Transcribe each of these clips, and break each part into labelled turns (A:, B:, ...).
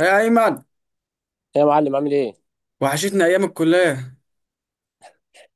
A: يا ايمن،
B: إيه يا معلم، عامل ايه؟
A: وحشتني ايام الكليه.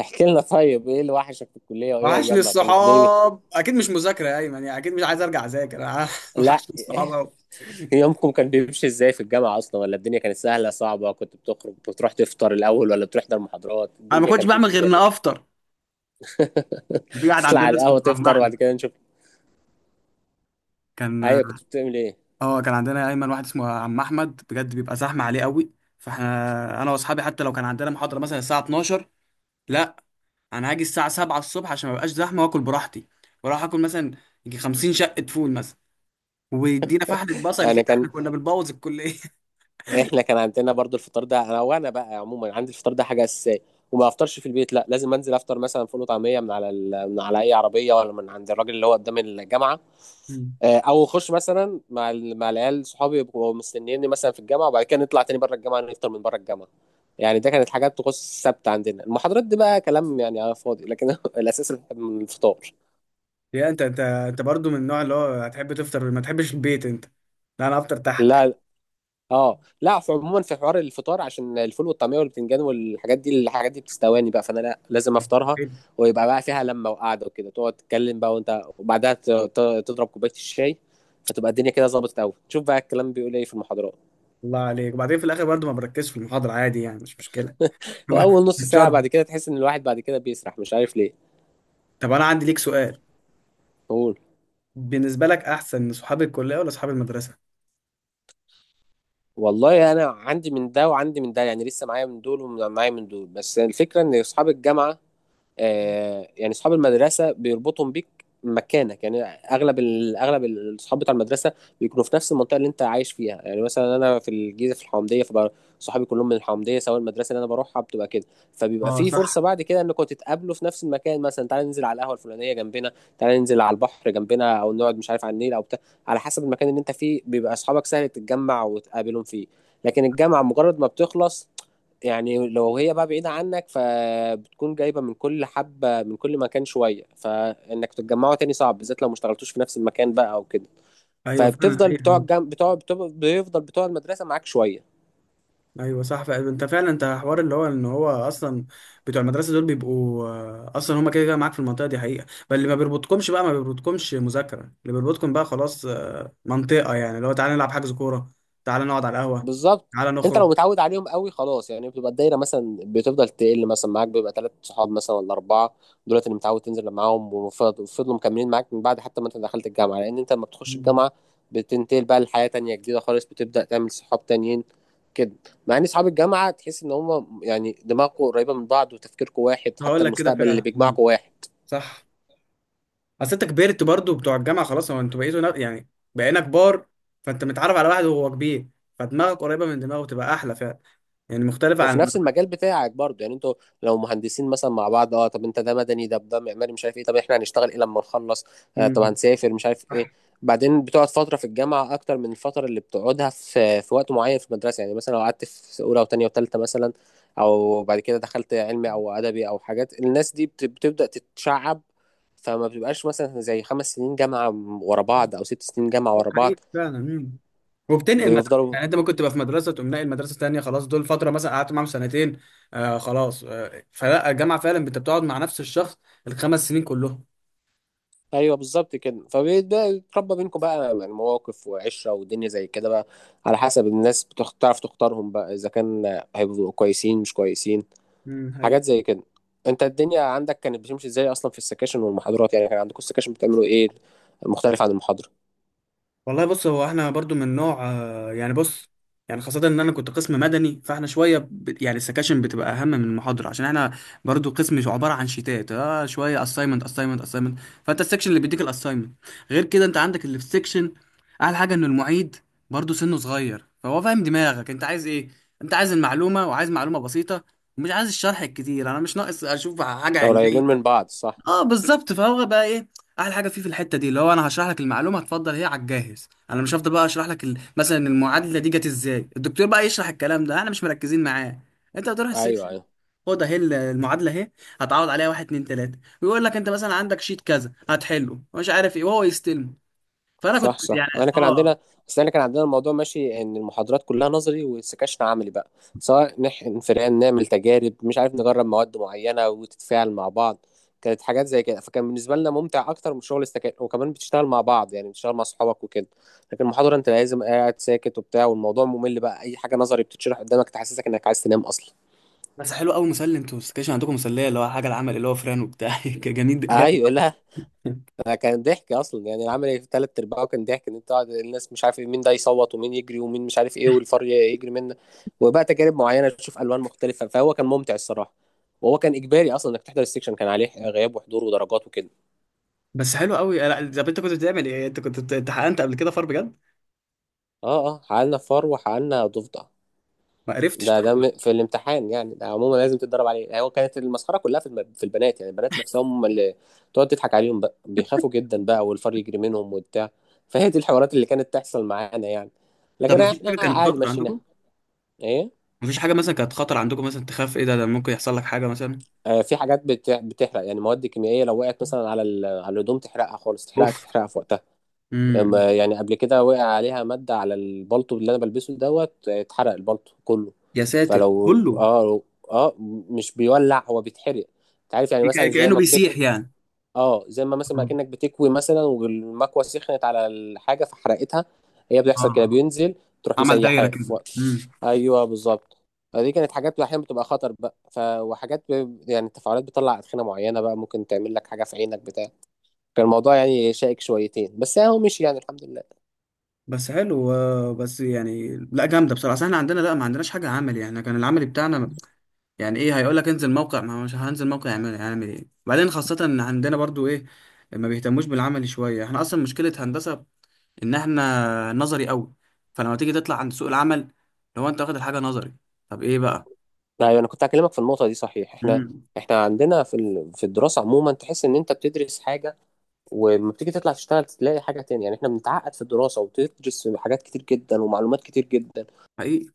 B: احكي لنا طيب، ايه اللي وحشك في الكلية وايه
A: وحشني
B: ايامها كانت الدنيا؟
A: الصحاب اكيد، مش مذاكره يا ايمن، يعني اكيد مش عايز ارجع اذاكر أنا.
B: لا.
A: وحشني الصحاب قوي.
B: يومكم كان بيمشي ازاي في الجامعة اصلا؟ ولا الدنيا كانت سهلة صعبة؟ كنت بتخرج بتروح تفطر الاول ولا بتحضر محاضرات؟
A: انا ما
B: الدنيا
A: كنتش
B: كانت
A: بعمل
B: بتمشي
A: غير
B: ازاي؟
A: اني افطر. في واحد
B: تطلع
A: عندنا
B: على القهوة
A: اسمه عم
B: تفطر
A: احمد
B: وبعد كده نشوف.
A: كان.
B: ايوه، كنت بتعمل ايه؟
A: اه، كان عندنا يا ايمن واحد اسمه عم احمد، بجد بيبقى زحمه عليه قوي. فاحنا انا واصحابي حتى لو كان عندنا محاضره مثلا الساعه 12، لا، انا هاجي الساعه 7 الصبح عشان ما بقاش زحمه واكل براحتي. واروح اكل مثلا، يجي 50 شقه فول مثلا، ويدينا فحله بصل
B: انا
A: كده.
B: كان
A: احنا كنا بنبوظ الكليه.
B: احنا كان عندنا برضو الفطار ده. انا بقى عموما عندي الفطار ده حاجه اساسيه، وما افطرش في البيت، لا، لازم انزل افطر مثلا فول وطعميه من على اي عربيه، ولا من عند الراجل اللي هو قدام الجامعه. آه، او اخش مثلا مع العيال صحابي، يبقوا مستنيني مثلا في الجامعه، وبعد كده نطلع تاني بره الجامعه نفطر من بره الجامعه. يعني ده كانت حاجات تخص السبت عندنا. المحاضرات دي بقى كلام يعني على فاضي، لكن الاساس الفطار.
A: يا انت، انت برضو من النوع اللي هو هتحب تفطر، ما تحبش البيت انت؟ لا، انا افطر تحت
B: لا، اه، لا، في عموما في حوار الفطار عشان الفول والطعميه والبتنجان والحاجات دي، الحاجات دي بتستواني بقى، فانا لا، لازم افطرها.
A: البيت.
B: ويبقى بقى فيها لمه وقعده وكده، تقعد تتكلم بقى وانت، وبعدها تضرب كوبايه الشاي. فتبقى الدنيا كده ظبطت قوي، تشوف بقى الكلام بيقول ايه في المحاضرات.
A: الله عليك. وبعدين في الاخر برضو ما بركزش في المحاضره عادي، يعني مش مشكله.
B: واول نص ساعه بعد
A: بتشرب.
B: كده تحس ان الواحد بعد كده بيسرح، مش عارف ليه.
A: طب انا عندي ليك سؤال،
B: قول.
A: بالنسبه لك احسن صحاب الكليه ولا صحاب المدرسه؟
B: والله انا عندي من ده وعندي من ده، يعني لسه معايا من دول ومعايا من دول، بس الفكره ان اصحاب الجامعه، يعني اصحاب المدرسه بيربطهم بيك مكانك، يعني اغلب اغلب الاصحاب بتاع المدرسه بيكونوا في نفس المنطقه اللي انت عايش فيها. يعني مثلا انا في الجيزه في الحومديه، فبقى صحابي كلهم من الحومديه، سواء المدرسه اللي انا بروحها بتبقى كده. فبيبقى
A: اه
B: في فرصه
A: صح.
B: بعد كده انكم تتقابلوا في نفس المكان، مثلا تعالى ننزل على القهوه الفلانيه جنبنا، تعالى ننزل على البحر جنبنا، او نقعد مش عارف على النيل او بتاع، على حسب المكان اللي انت فيه بيبقى اصحابك سهل تتجمع وتقابلهم فيه. لكن الجامعه مجرد ما بتخلص، يعني لو هي بقى بعيدة عنك، فبتكون جايبة من كل حبة من كل مكان شوية، فإنك تتجمعوا تاني صعب، بالذات لو ما اشتغلتوش في نفس المكان بقى أو كده.
A: ايوه فعلا،
B: فبتفضل بتوع
A: ايوه.
B: الجم... بتوع بتوع بيفضل بتوع المدرسة معاك شوية.
A: ايوه صح فعلا، انت فعلا انت حوار اللي هو ان هو اصلا بتوع المدرسه دول بيبقوا آه، اصلا هما كده كده معاك في المنطقه دي حقيقه، فاللي ما بيربطكمش بقى ما بيربطكمش مذاكره، اللي بيربطكم بقى خلاص آه، منطقه، يعني اللي هو تعالى نلعب حجز كوره، تعالى نقعد على القهوه،
B: بالظبط.
A: تعالى
B: انت
A: نخرج.
B: لو متعود عليهم قوي خلاص، يعني بتبقى الدايره مثلا بتفضل تقل، مثلا معاك بيبقى ثلاث صحاب مثلا ولا اربعه، دولت اللي متعود تنزل معاهم وفضلوا مكملين معاك من بعد، حتى ما انت دخلت الجامعه، لان انت لما بتخش
A: مم.
B: الجامعه بتنتقل بقى لحياه تانية جديده خالص، بتبدا تعمل صحاب تانيين كده. مع ان صحاب الجامعه تحس ان هم يعني دماغكم قريبه من بعض، وتفكيركم واحد،
A: هقول
B: حتى
A: لك كده
B: المستقبل اللي
A: فعلا. مم.
B: بيجمعكم واحد.
A: صح. اصل انت كبرت، برضو بتوع الجامعه خلاص، هو يعني بقينا كبار، فانت متعرف على واحد وهو كبير، فدماغك قريبه من دماغه، تبقى احلى فعلا، يعني مختلفه
B: وفي
A: عن.
B: نفس المجال بتاعك برضه، يعني انتوا لو مهندسين مثلا مع بعض، اه طب انت ده مدني، ده معماري، مش عارف ايه، طب احنا هنشتغل ايه لما نخلص، آه طب
A: مم.
B: هنسافر، مش عارف
A: صح.
B: ايه. بعدين بتقعد فتره في الجامعه اكتر من الفتره اللي بتقعدها في وقت معين في المدرسه. يعني مثلا لو قعدت في اولى وثانيه وثالثه مثلا، او بعد كده دخلت علمي او ادبي او حاجات، الناس دي بتبدا تتشعب. فما بتبقاش مثلا زي 5 سنين جامعه ورا بعض او 6 سنين جامعه ورا
A: حقيقي
B: بعض.
A: فعلا. مم. وبتنقل مدرسه،
B: بيفضلوا.
A: يعني انت ممكن تبقى في مدرسه تقوم ناقل مدرسه تانيه، خلاص دول فتره مثلا قعدت معاهم سنتين. آه خلاص، آه فلا الجامعه فعلا انت بتقعد مع نفس الشخص الخمس سنين كلهم.
B: ايوه، بالظبط كده، فبيبدا يتربى بينكم بقى يعني مواقف وعشره ودنيا زي كده بقى، على حسب الناس. بتعرف تعرف تختارهم بقى اذا كان هيبقوا كويسين مش كويسين،
A: امم.
B: حاجات زي كده. انت الدنيا عندك كانت بتمشي ازاي اصلا في السكاشن والمحاضرات؟ يعني كان عندكم السكاشن بتعملوا ايه، مختلف عن المحاضره؟
A: والله بص، هو احنا برضو من نوع آه، بص، يعني خاصة ان انا كنت قسم مدني، فاحنا شوية يعني السكاشن بتبقى اهم من المحاضرة عشان احنا برضو قسم عبارة عن شيتات، اه شوية اساينمنت، فانت السكشن اللي بيديك الاساينمنت. غير كده انت عندك اللي في السكشن احلى حاجة ان المعيد برضو سنه صغير، فهو فاهم دماغك انت عايز ايه. انت عايز المعلومة، وعايز معلومة بسيطة ومش عايز الشرح الكتير، انا مش ناقص اشوف حاجة
B: قريبين من
A: علمية.
B: بعض، صح.
A: اه بالظبط، فهو بقى ايه احلى حاجه فيه في الحته دي، اللي هو انا هشرح لك المعلومه هتفضل هي على الجاهز، انا مش هفضل بقى اشرح لك مثلا المعادله دي جت ازاي. الدكتور بقى يشرح الكلام ده احنا مش مركزين معاه، انت بتروح
B: ايوه،
A: السكشن
B: ايوه.
A: خد اهي المعادله اهي، هتعوض عليها واحد اتنين تلاته، ويقول لك انت مثلا عندك شيت كذا هتحله مش عارف ايه، وهو يستلم. فانا
B: صح
A: كنت
B: صح،
A: يعني
B: احنا كان عندنا
A: اه.
B: بس احنا كان عندنا الموضوع ماشي، ان المحاضرات كلها نظري والسكاشن عملي بقى، سواء نحقن فئران، نعمل تجارب، مش عارف نجرب مواد معينه وتتفاعل مع بعض. كانت حاجات زي كده، فكان بالنسبه لنا ممتع اكتر من شغل السكاشن، وكمان بتشتغل مع بعض يعني، بتشتغل مع اصحابك وكده. لكن المحاضره انت لازم قاعد ساكت وبتاع، والموضوع ممل بقى، اي حاجه نظري بتتشرح قدامك تحسسك انك عايز تنام اصلا.
A: بس حلو قوي مسلي، انتوا السكشن عندكم مسليه، اللي هو حاجه العمل اللي هو فران وبتاع. جميل جامد.
B: ايوه، لا. انا كان ضحك اصلا، يعني العمل في تلات ارباعه كان ضحك، ان انت قاعد الناس مش عارف إيه، مين ده يصوت ومين يجري ومين مش عارف ايه، والفار يجري منه، وبقى تجارب معينه تشوف الوان مختلفه، فهو كان ممتع الصراحه. وهو كان اجباري اصلا انك تحضر السكشن، كان عليه غياب وحضور ودرجات وكده.
A: بس حلو قوي، لا. طب انت كنت بتعمل ايه؟ انت كنت امتحنت قبل كده فار بجد؟
B: اه اه، حققنا فار وحققنا ضفدع.
A: ما عرفتش
B: ده
A: طيب.
B: في الامتحان يعني، ده عموما لازم تتدرب عليه. يعني هو كانت المسخره كلها في في البنات، يعني البنات نفسهم هم اللي تقعد تضحك عليهم بقى، بيخافوا جدا بقى والفار يجري منهم وبتاع. فهي دي الحوارات اللي كانت تحصل معانا يعني،
A: طب
B: لكن
A: مفيش
B: احنا
A: حاجة كانت
B: عادي
A: خطر
B: مشيناها.
A: عندكم؟
B: ايه؟
A: مفيش حاجة مثلا كانت خطر عندكم، مثلا تخاف ايه، ده ده ممكن يحصل لك حاجة مثلا؟
B: آه، في حاجات بتحرق، يعني مواد كيميائيه لو وقعت مثلا على على الهدوم تحرقها خالص، تحرقها
A: اوف.
B: تحرقها في وقتها.
A: امم.
B: يعني قبل كده وقع عليها مادة على البلطو اللي انا بلبسه دوت، اتحرق البلطو كله.
A: يا ساتر
B: فلو،
A: كله.
B: اه، اه مش بيولع هو، بيتحرق. انت عارف يعني مثلا زي
A: كأنه
B: ما بتكوي،
A: بيسيح يعني.
B: اه زي ما مثلا ما
A: مم.
B: كأنك بتكوي مثلا، والمكوة سخنت على الحاجة فحرقتها. هي
A: اه
B: بتحصل كده،
A: اه.
B: بينزل تروح
A: عمل دايرة
B: مسيحاه في
A: كده.
B: وقت.
A: امم.
B: ايوه، بالظبط. فدي كانت حاجات احيانا بتبقى خطر بقى وحاجات يعني التفاعلات بتطلع ادخنه معينه بقى، ممكن تعمل لك حاجه في عينك بتاع. كان الموضوع يعني شائك شويتين بس اهو مشي يعني، الحمد لله.
A: بس حلو آه، بس يعني لا جامدة بصراحة. أصل احنا عندنا لا، ما عندناش حاجة عملي، يعني إحنا كان العملي بتاعنا يعني ايه، هيقول لك انزل موقع، ما هو مش هنزل موقع يعمل يعمل ايه؟ بعدين خاصة ان عندنا برضو ايه، ما بيهتموش بالعملي شوية. احنا اصلا مشكلة هندسة ان احنا نظري قوي، فلما تيجي تطلع عند سوق العمل لو انت واخد الحاجه نظري، طب ايه بقى؟
B: ايوه، انا كنت هكلمك في النقطه دي صحيح. احنا
A: امم.
B: احنا عندنا في الدراسه عموما تحس ان انت بتدرس حاجه، ولما بتيجي تطلع تشتغل تلاقي حاجه تانية. يعني احنا بنتعقد في الدراسه، وبتدرس حاجات كتير جدا ومعلومات كتير جدا.
A: حقيقي،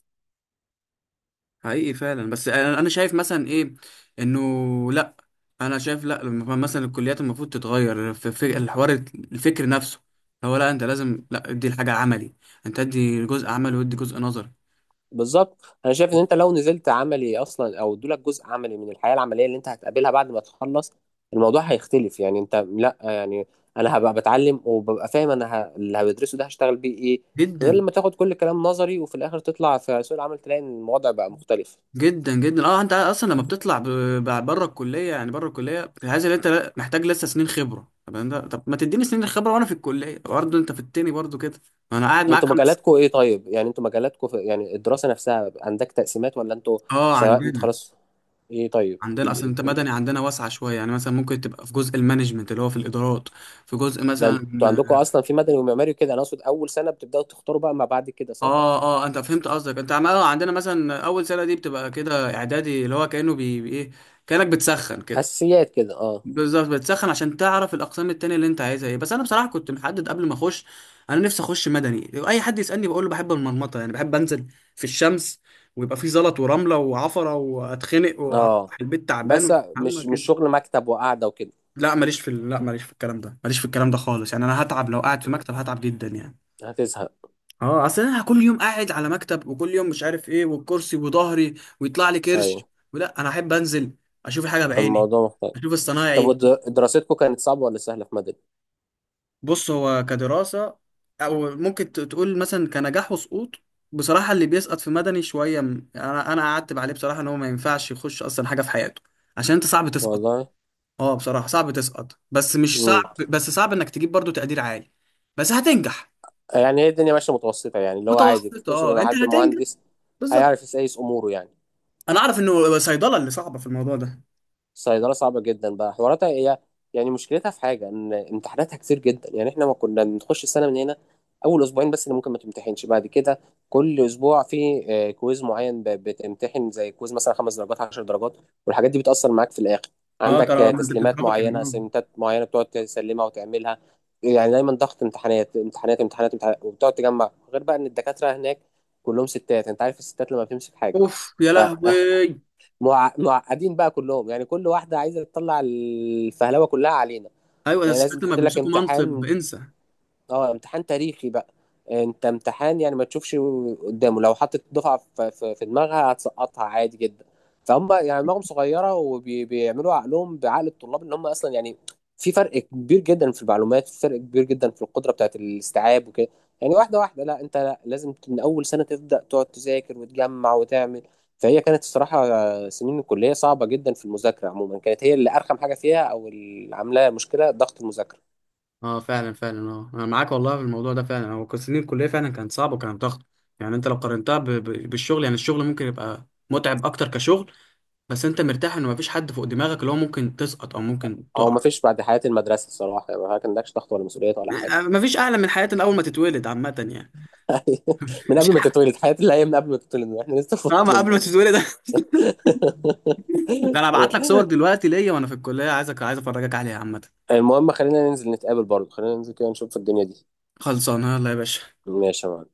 A: حقيقي فعلا. بس انا، أنا شايف مثلا ايه، انه لا، انا شايف لا، لما مثلا الكليات المفروض تتغير في في الحوار الفكر نفسه، هو لا انت لازم لا ادي الحاجه عملي، انت ادي جزء عملي وادي جزء نظري.
B: بالظبط، انا شايف ان انت لو نزلت عملي اصلا، او ادولك جزء عملي من الحياه العمليه اللي انت هتقابلها بعد ما تخلص، الموضوع هيختلف. يعني انت لا يعني، انا هبقى بتعلم وببقى فاهم انا اللي هدرسه ده هشتغل بيه ايه، غير
A: جدا.
B: لما تاخد كل الكلام نظري وفي الاخر تطلع في سوق العمل تلاقي ان الوضع بقى مختلف.
A: جدا جدا. اه انت اصلا لما بتطلع بره الكليه، يعني بره الكليه عايز ان انت محتاج لسه سنين خبره، طب انت طب ما تديني سنين الخبره وانا في الكليه برضه، انت في التاني برضه كده، ما انا قاعد معاك
B: انتوا مجالاتكم
A: خمس.
B: ايه طيب؟ يعني انتوا مجالاتكم يعني الدراسة نفسها عندك تقسيمات ولا انتوا
A: اه
B: سواء، انت
A: عندنا.
B: خلاص؟ ايه طيب، احكي
A: عندنا
B: لي ايه
A: اصلا انت
B: الدنيا.
A: مدني، عندنا واسعه شويه، يعني مثلا ممكن تبقى في جزء المانجمنت اللي هو في الادارات، في جزء
B: ده
A: مثلا.
B: انتوا عندكم اصلا في مدني ومعماري وكده، انا اقصد اول سنة بتبداوا تختاروا بقى ما بعد كده، صح؟
A: اه اه آه، انت فهمت قصدك. آه، عندنا مثلا اول سنه دي بتبقى كده اعدادي، اللي هو كانه ايه، كانك بتسخن كده.
B: اساسيات كده، اه.
A: بالظبط، بتسخن عشان تعرف الاقسام التانية اللي انت عايزها ايه. بس انا بصراحه كنت محدد قبل ما اخش، انا نفسي اخش مدني. اي حد يسالني بقول له بحب المرمطه، يعني بحب انزل في الشمس، ويبقى في زلط ورمله وعفره واتخنق واروح
B: اه،
A: البيت تعبان،
B: بس
A: وحمى
B: مش
A: كده.
B: شغل مكتب وقعدة وكده.
A: لا ماليش في لا ماليش في الكلام ده، ماليش في الكلام ده خالص، يعني انا هتعب لو قاعد في
B: مم.
A: مكتب، هتعب جدا يعني.
B: هتزهق.
A: اه، اصل انا كل يوم قاعد على مكتب، وكل يوم مش عارف ايه، والكرسي وظهري، ويطلع لي
B: ايوه،
A: كرش. ولا انا احب انزل اشوف حاجه بعيني،
B: الموضوع مختلف.
A: اشوف
B: طب
A: الصنايعي.
B: دراستكم كانت صعبة ولا سهلة في مدني؟
A: بص هو كدراسة، أو ممكن تقول مثلا كنجاح وسقوط، بصراحة اللي بيسقط في مدني شوية أنا أعتب عليه بصراحة إن هو ما ينفعش يخش أصلا حاجة في حياته، عشان أنت صعب تسقط.
B: والله.
A: أه بصراحة صعب تسقط، بس مش
B: امم
A: صعب، بس صعب إنك تجيب برضو تقدير عالي، بس هتنجح.
B: يعني هي الدنيا ماشية متوسطة، يعني اللي هو عادي، انت
A: متوسط،
B: تقصد
A: أه
B: ان
A: أنت
B: حد
A: هتنجح،
B: مهندس
A: بالظبط.
B: هيعرف يسيس اموره يعني.
A: أنا أعرف إنه صيدلة اللي صعبة في الموضوع ده.
B: صيدلة صعبة جدا بقى حواراتها هي، يعني مشكلتها في حاجة ان امتحاناتها كتير جدا. يعني احنا ما كنا بنخش السنة من هنا اول اسبوعين بس اللي ممكن ما تمتحنش، بعد كده كل اسبوع في، كويز معين، بتمتحن زي كويز مثلا 5 درجات، 10 درجات، والحاجات دي بتأثر معاك في الاخر.
A: أه
B: عندك
A: ترى ما أنت
B: تسليمات معينة،
A: بتتراكم أه.
B: اسايمنتات معينة بتقعد تسلمها وتعملها. يعني دايما ضغط، امتحانات امتحانات امتحانات امتحانات، وبتقعد تجمع. غير بقى ان الدكاترة هناك كلهم ستات، انت عارف الستات لما بتمسك حاجة،
A: أوف يا لهوي.
B: معقدين بقى كلهم، يعني كل واحده عايزه تطلع الفهلوه كلها علينا.
A: أيوة ده
B: يعني لازم
A: الستات لما
B: تحط لك
A: بيمسكوا منصب
B: امتحان،
A: انسى.
B: اه امتحان تاريخي بقى، انت امتحان يعني ما تشوفش قدامه، لو حطت دفعه في دماغها هتسقطها عادي جدا. فهم يعني دماغهم صغيره، وبيعملوا عقلهم بعقل الطلاب، ان هم اصلا يعني في فرق كبير جدا في المعلومات، في فرق كبير جدا في القدره بتاعت الاستيعاب وكده. يعني واحده واحده، لا انت لا، لازم من اول سنه تبدا تقعد تذاكر وتجمع وتعمل. فهي كانت الصراحه سنين الكليه صعبه جدا في المذاكره عموما، كانت هي اللي ارخم حاجه فيها، او اللي عاملاها مشكله ضغط المذاكره.
A: اه فعلا فعلا، اه انا معاك والله في الموضوع ده فعلا، هو كان سنين الكليه فعلا كانت صعبه، وكانت ضغط. يعني انت لو قارنتها بالشغل، يعني الشغل ممكن يبقى متعب اكتر كشغل، بس انت مرتاح ان مفيش حد فوق دماغك اللي هو ممكن تسقط او ممكن
B: هو
A: تقع.
B: ما فيش بعد حياة المدرسة الصراحة، يعني ما عندكش ضغط ولا مسؤوليات ولا
A: آه،
B: حاجة.
A: مفيش اعلى من حياتنا اول ما تتولد عامه يعني.
B: من
A: مش
B: قبل ما
A: اعلى.
B: تتولد حياة اللي هي، من قبل ما تتولد احنا لسه في
A: اه، ما
B: بطن
A: قبل ما
B: أمنا.
A: تتولد. ده انا هبعت لك صور دلوقتي ليا وانا في الكليه، عايزك عايز افرجك عليها عامه.
B: المهم خلينا ننزل نتقابل برضه، خلينا ننزل كده نشوف الدنيا دي.
A: خلصانه يلا يا باشا.
B: ماشي يا معلم.